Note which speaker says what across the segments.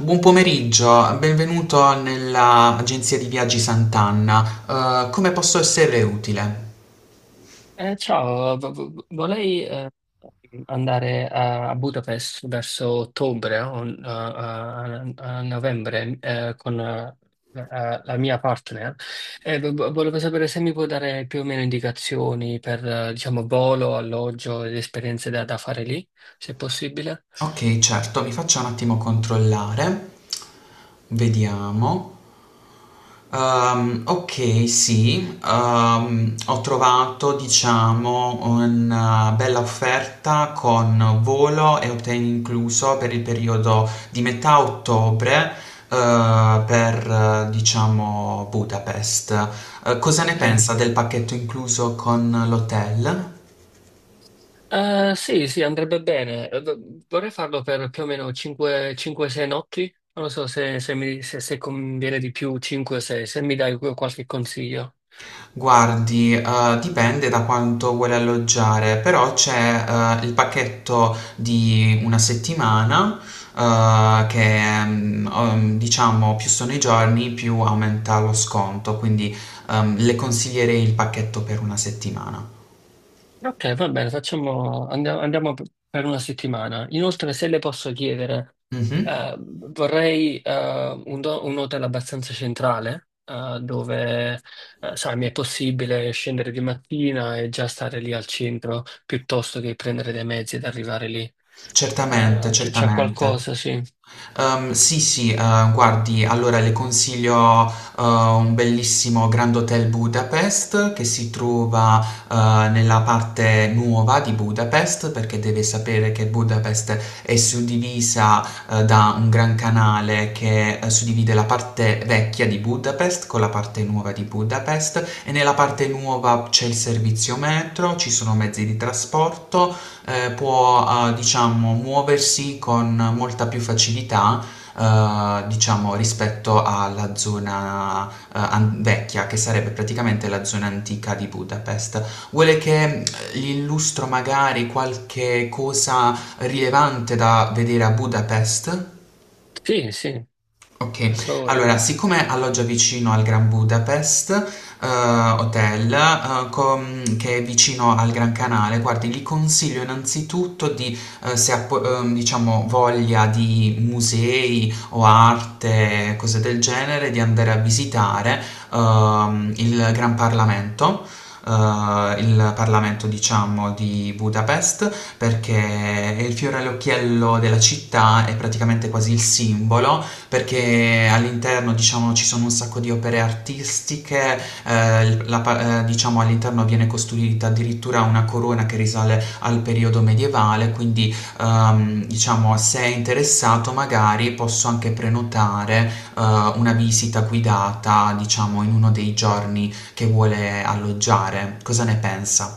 Speaker 1: Buon pomeriggio, benvenuto nella agenzia di viaggi Sant'Anna. Come posso esserle utile?
Speaker 2: Vorrei andare a Budapest verso ottobre o a novembre con la mia partner. E volevo sapere se mi può dare più o meno indicazioni per diciamo, volo, alloggio ed esperienze da fare lì, se possibile.
Speaker 1: Ok, certo, mi faccia un attimo controllare. Vediamo. Ok, sì, ho trovato, diciamo, una bella offerta con volo e hotel incluso per il periodo di metà ottobre, per, diciamo, Budapest. Cosa ne
Speaker 2: Ok.
Speaker 1: pensa del pacchetto incluso con l'hotel?
Speaker 2: Sì, sì, andrebbe bene. Vorrei farlo per più o meno 5-6 notti. Non so se, se mi, se, se conviene di più 5-6, se mi dai qualche consiglio.
Speaker 1: Guardi, dipende da quanto vuole alloggiare, però c'è il pacchetto di una settimana, diciamo più sono i giorni, più aumenta lo sconto, quindi le consiglierei il pacchetto per una settimana.
Speaker 2: Ok, va bene, facciamo, andiamo per una settimana. Inoltre, se le posso chiedere,
Speaker 1: Mhm.
Speaker 2: vorrei un hotel abbastanza centrale, dove, sai, mi è possibile scendere di mattina e già stare lì al centro, piuttosto che prendere dei mezzi ed arrivare lì.
Speaker 1: Certamente,
Speaker 2: Ah, c'è
Speaker 1: certamente.
Speaker 2: qualcosa, sì.
Speaker 1: Sì, sì, guardi, allora le consiglio ehm, un bellissimo Grand Hotel Budapest che si trova nella parte nuova di Budapest, perché deve sapere che Budapest è suddivisa, da un gran canale che suddivide la parte vecchia di Budapest con la parte nuova di Budapest, e nella parte nuova c'è il servizio metro, ci sono mezzi di trasporto, può diciamo muoversi con molta più facilità diciamo rispetto alla zona vecchia, che sarebbe praticamente la zona antica di Budapest. Vuole che gli illustro magari qualche cosa rilevante da vedere a Budapest?
Speaker 2: Sì, sì,
Speaker 1: Okay.
Speaker 2: per favore.
Speaker 1: Allora, siccome alloggia vicino al Grand Budapest, Hotel, com che è vicino al Gran Canale, guardi, gli consiglio innanzitutto, di, se ha po diciamo voglia di musei o arte, cose del genere, di andare a visitare il Gran Parlamento, il Parlamento diciamo di Budapest, perché è il fiore all'occhiello della città, è praticamente quasi il simbolo, perché all'interno diciamo ci sono un sacco di opere artistiche, diciamo all'interno viene costruita addirittura una corona che risale al periodo medievale, quindi diciamo, se è interessato magari posso anche prenotare una visita guidata diciamo in uno dei giorni che vuole alloggiare. Cosa ne pensa?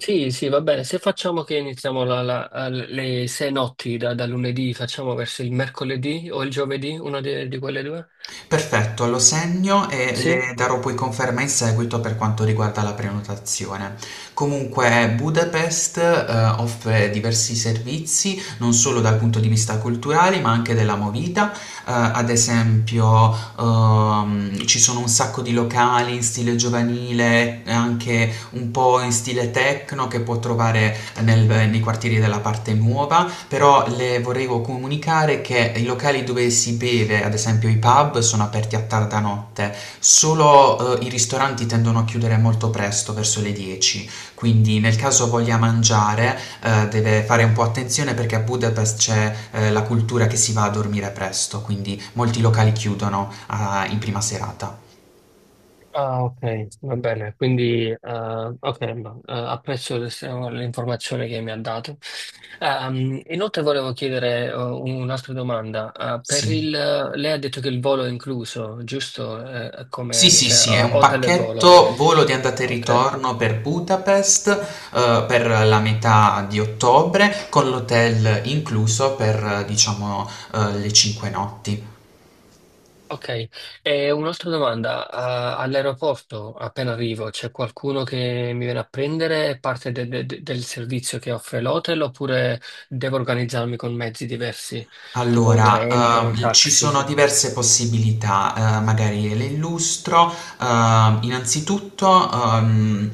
Speaker 2: Sì, sì, va bene. Se facciamo che iniziamo le sei notti da lunedì, facciamo verso il mercoledì o il giovedì, una di quelle due?
Speaker 1: Perfetto, lo segno e
Speaker 2: Sì?
Speaker 1: le darò poi conferma in seguito per quanto riguarda la prenotazione. Comunque Budapest offre diversi servizi, non solo dal punto di vista culturale, ma anche della movida. Ad esempio, ci sono un sacco di locali in stile giovanile, e anche un po' in stile techno, che può trovare nei quartieri della parte nuova. Però le volevo comunicare che i locali dove si beve, ad esempio i pub, sono aperti a tarda notte, solo i ristoranti tendono a chiudere molto presto, verso le 10. Quindi nel caso voglia mangiare, deve fare un po' attenzione, perché a Budapest c'è la cultura che si va a dormire presto, quindi molti locali chiudono in prima serata.
Speaker 2: Ah, ok, va bene. Quindi, ok, ma, l'informazione che mi ha dato. Inoltre volevo chiedere un'altra domanda. Per
Speaker 1: Sì.
Speaker 2: il, lei ha detto che il volo è incluso, giusto?
Speaker 1: Sì,
Speaker 2: Come,
Speaker 1: sì,
Speaker 2: cioè,
Speaker 1: sì, è un
Speaker 2: hotel e volo.
Speaker 1: pacchetto volo di andata e
Speaker 2: Ok.
Speaker 1: ritorno per Budapest, per la metà di ottobre, con l'hotel incluso per, diciamo, le 5 notti.
Speaker 2: Ok, e un'altra domanda. All'aeroporto, appena arrivo, c'è qualcuno che mi viene a prendere? È parte del servizio che offre l'hotel oppure devo organizzarmi con mezzi diversi, tipo
Speaker 1: Allora,
Speaker 2: treni o
Speaker 1: ci sono
Speaker 2: taxi?
Speaker 1: diverse possibilità, magari le illustro. Ehm, innanzitutto, ehm,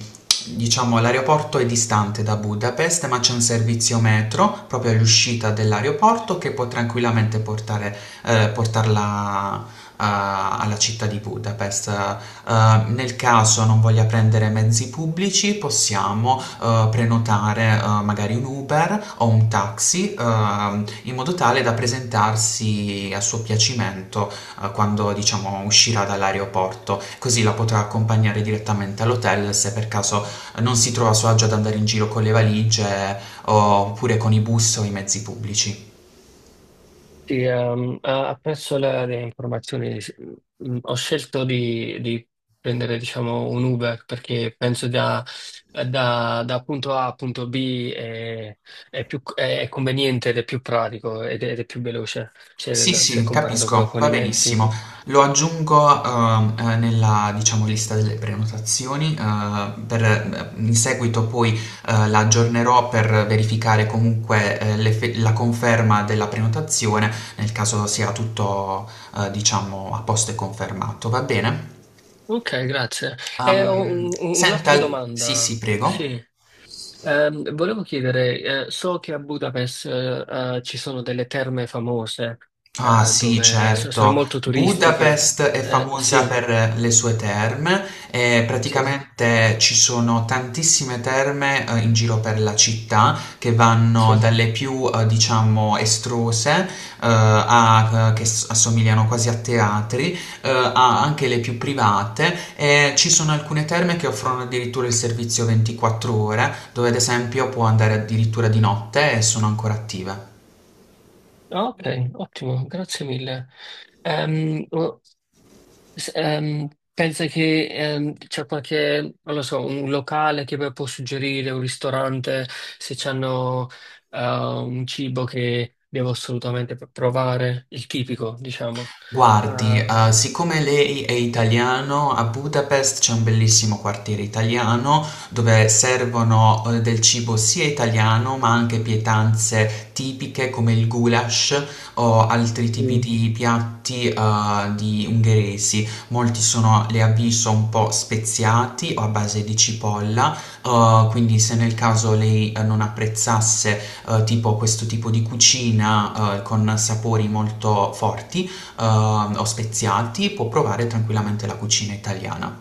Speaker 1: diciamo, l'aeroporto è distante da Budapest, ma c'è un servizio metro proprio all'uscita dell'aeroporto che può tranquillamente portare, portarla alla città di Budapest. Nel caso non voglia prendere mezzi pubblici, possiamo prenotare magari un Uber o un taxi, in modo tale da presentarsi a suo piacimento quando diciamo uscirà dall'aeroporto, così la potrà accompagnare direttamente all'hotel, se per caso non si trova a suo agio ad andare in giro con le valigie oppure con i bus o i mezzi pubblici.
Speaker 2: Sì, apprezzo le informazioni. Sì. Ho scelto di prendere, diciamo, un Uber perché penso da punto A a punto B è più, è conveniente ed è più pratico ed è più veloce
Speaker 1: Sì,
Speaker 2: se, se
Speaker 1: sì,
Speaker 2: comparato
Speaker 1: capisco,
Speaker 2: con,
Speaker 1: va
Speaker 2: i mezzi.
Speaker 1: benissimo. Lo aggiungo, nella, diciamo, lista delle prenotazioni, per, in seguito poi la aggiornerò per verificare comunque la conferma della prenotazione, nel caso sia tutto, diciamo, a posto e confermato, va bene?
Speaker 2: Ok, grazie.
Speaker 1: Ok.
Speaker 2: E ho
Speaker 1: Senta,
Speaker 2: un'altra
Speaker 1: poi sì, sì,
Speaker 2: domanda. Sì.
Speaker 1: prego.
Speaker 2: Volevo chiedere, so che a Budapest, ci sono delle terme famose,
Speaker 1: Ah, sì,
Speaker 2: dove sono
Speaker 1: certo.
Speaker 2: molto turistiche.
Speaker 1: Budapest è famosa
Speaker 2: Sì,
Speaker 1: per le sue terme e
Speaker 2: sì,
Speaker 1: praticamente ci sono tantissime terme in giro per la città, che vanno
Speaker 2: sì.
Speaker 1: dalle più diciamo estrose a che assomigliano quasi a teatri, a anche le più private, e ci sono alcune terme che offrono addirittura il servizio 24 ore, dove ad esempio può andare addirittura di notte e sono ancora attive.
Speaker 2: Ah, ok, ottimo, grazie mille. Ehm, S- ehm, Pensa che c'è qualche, non lo so, un locale che può suggerire, un ristorante, se hanno un cibo che devo assolutamente provare, il tipico, diciamo.
Speaker 1: Guardi,
Speaker 2: Mm.
Speaker 1: siccome lei è italiano, a Budapest c'è un bellissimo quartiere italiano dove servono del cibo sia italiano, ma anche pietanze tipiche come il goulash o altri tipi
Speaker 2: Mm.
Speaker 1: di piatti di ungheresi. Molti sono, le avviso, un po' speziati o a base di cipolla, quindi se nel caso lei non apprezzasse tipo questo tipo di cucina, con sapori molto forti, eh, o speziati, può provare tranquillamente la cucina italiana.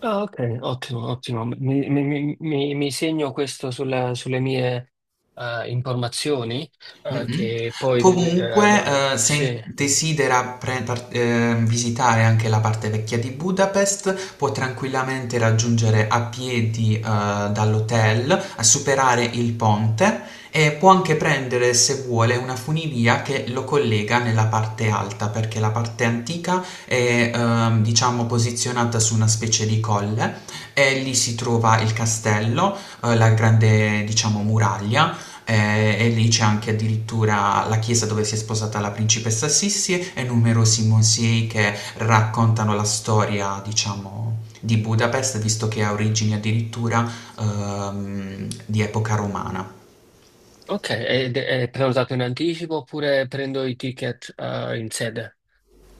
Speaker 2: Ah, ah, ok, ottimo, ottimo. Mi segno questo sulle mie informazioni,
Speaker 1: Mhm.
Speaker 2: che poi
Speaker 1: Comunque,
Speaker 2: sì.
Speaker 1: se desidera visitare anche la parte vecchia di Budapest, può tranquillamente raggiungere a piedi dall'hotel, a superare il ponte, e può anche prendere, se vuole, una funivia che lo collega nella parte alta, perché la parte antica è, diciamo, posizionata su una specie di colle, e lì si trova il castello, la grande, diciamo, muraglia, e lì c'è anche addirittura la chiesa dove si è sposata la principessa Sissi, e numerosi musei che raccontano la storia, diciamo, di Budapest, visto che ha origini addirittura di epoca romana.
Speaker 2: Ok, ed è prenotato in anticipo oppure prendo i ticket in sede?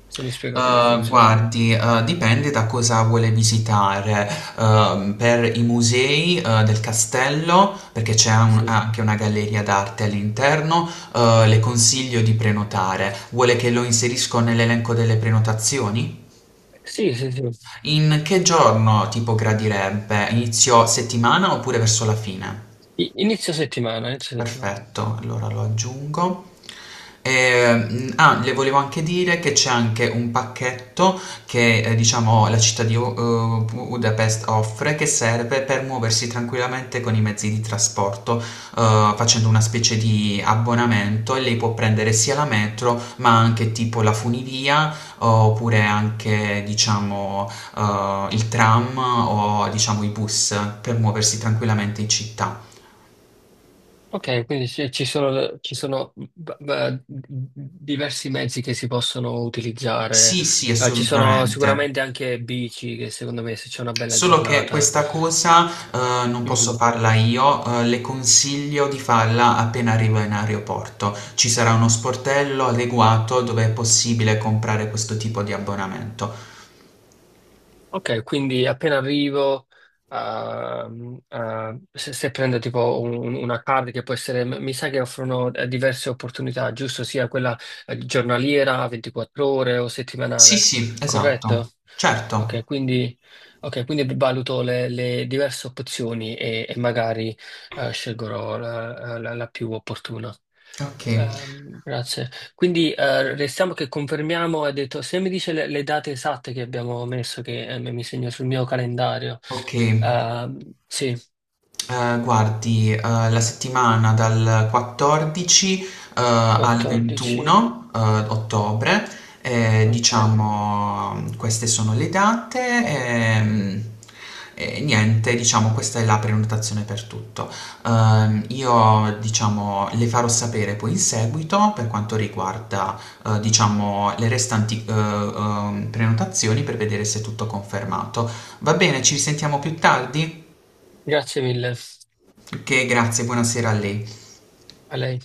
Speaker 2: Se mi spiega come funziona.
Speaker 1: Guardi, dipende da cosa vuole visitare. Per i musei del castello, perché c'è
Speaker 2: Sì,
Speaker 1: anche una galleria d'arte all'interno, le consiglio di prenotare. Vuole che lo inserisco nell'elenco delle prenotazioni?
Speaker 2: sì, sì. Sì.
Speaker 1: In che giorno tipo gradirebbe? Inizio settimana oppure verso la fine?
Speaker 2: Inizio settimana, inizio settimana.
Speaker 1: Perfetto, allora lo aggiungo. Le volevo anche dire che c'è anche un pacchetto che diciamo la città di Budapest offre, che serve per muoversi tranquillamente con i mezzi di trasporto facendo una specie di abbonamento, e lei può prendere sia la metro, ma anche tipo la funivia, oppure anche diciamo il tram o diciamo i bus, per muoversi tranquillamente in città.
Speaker 2: Ok, quindi ci sono diversi mezzi che si possono utilizzare.
Speaker 1: Sì, sì,
Speaker 2: Ci sono
Speaker 1: assolutamente.
Speaker 2: sicuramente anche bici che secondo me se c'è una bella
Speaker 1: Solo che
Speaker 2: giornata.
Speaker 1: questa cosa non posso
Speaker 2: mm,
Speaker 1: farla io, le consiglio di farla appena arriva in aeroporto. Ci sarà uno sportello adeguato dove è possibile comprare questo tipo di abbonamento.
Speaker 2: Ok, quindi appena arrivo, se prendo tipo una card che può essere, mi sa che offrono diverse opportunità, giusto? Sia quella giornaliera, 24 ore o
Speaker 1: Sì,
Speaker 2: settimanale,
Speaker 1: sì,
Speaker 2: corretto?
Speaker 1: esatto.
Speaker 2: Ok,
Speaker 1: Certo.
Speaker 2: quindi, ok, quindi valuto le diverse opzioni e magari scelgo la più opportuna.
Speaker 1: Ok,
Speaker 2: Grazie. Quindi restiamo che confermiamo, ha detto, se mi dice le date esatte che abbiamo messo, che mi segno sul mio calendario.
Speaker 1: ok.
Speaker 2: Ehm, sì,
Speaker 1: Guardi, la settimana dal 14, al
Speaker 2: 14.
Speaker 1: 21, ottobre,
Speaker 2: Ok,
Speaker 1: diciamo, queste sono le date. ehm, E, niente, diciamo, questa è la prenotazione per tutto. Io, diciamo, le farò sapere poi in seguito per quanto riguarda, diciamo, le restanti, prenotazioni, per vedere se è tutto confermato. Va bene, ci risentiamo più tardi?
Speaker 2: grazie mille
Speaker 1: Che grazie, buonasera a lei.
Speaker 2: a lei.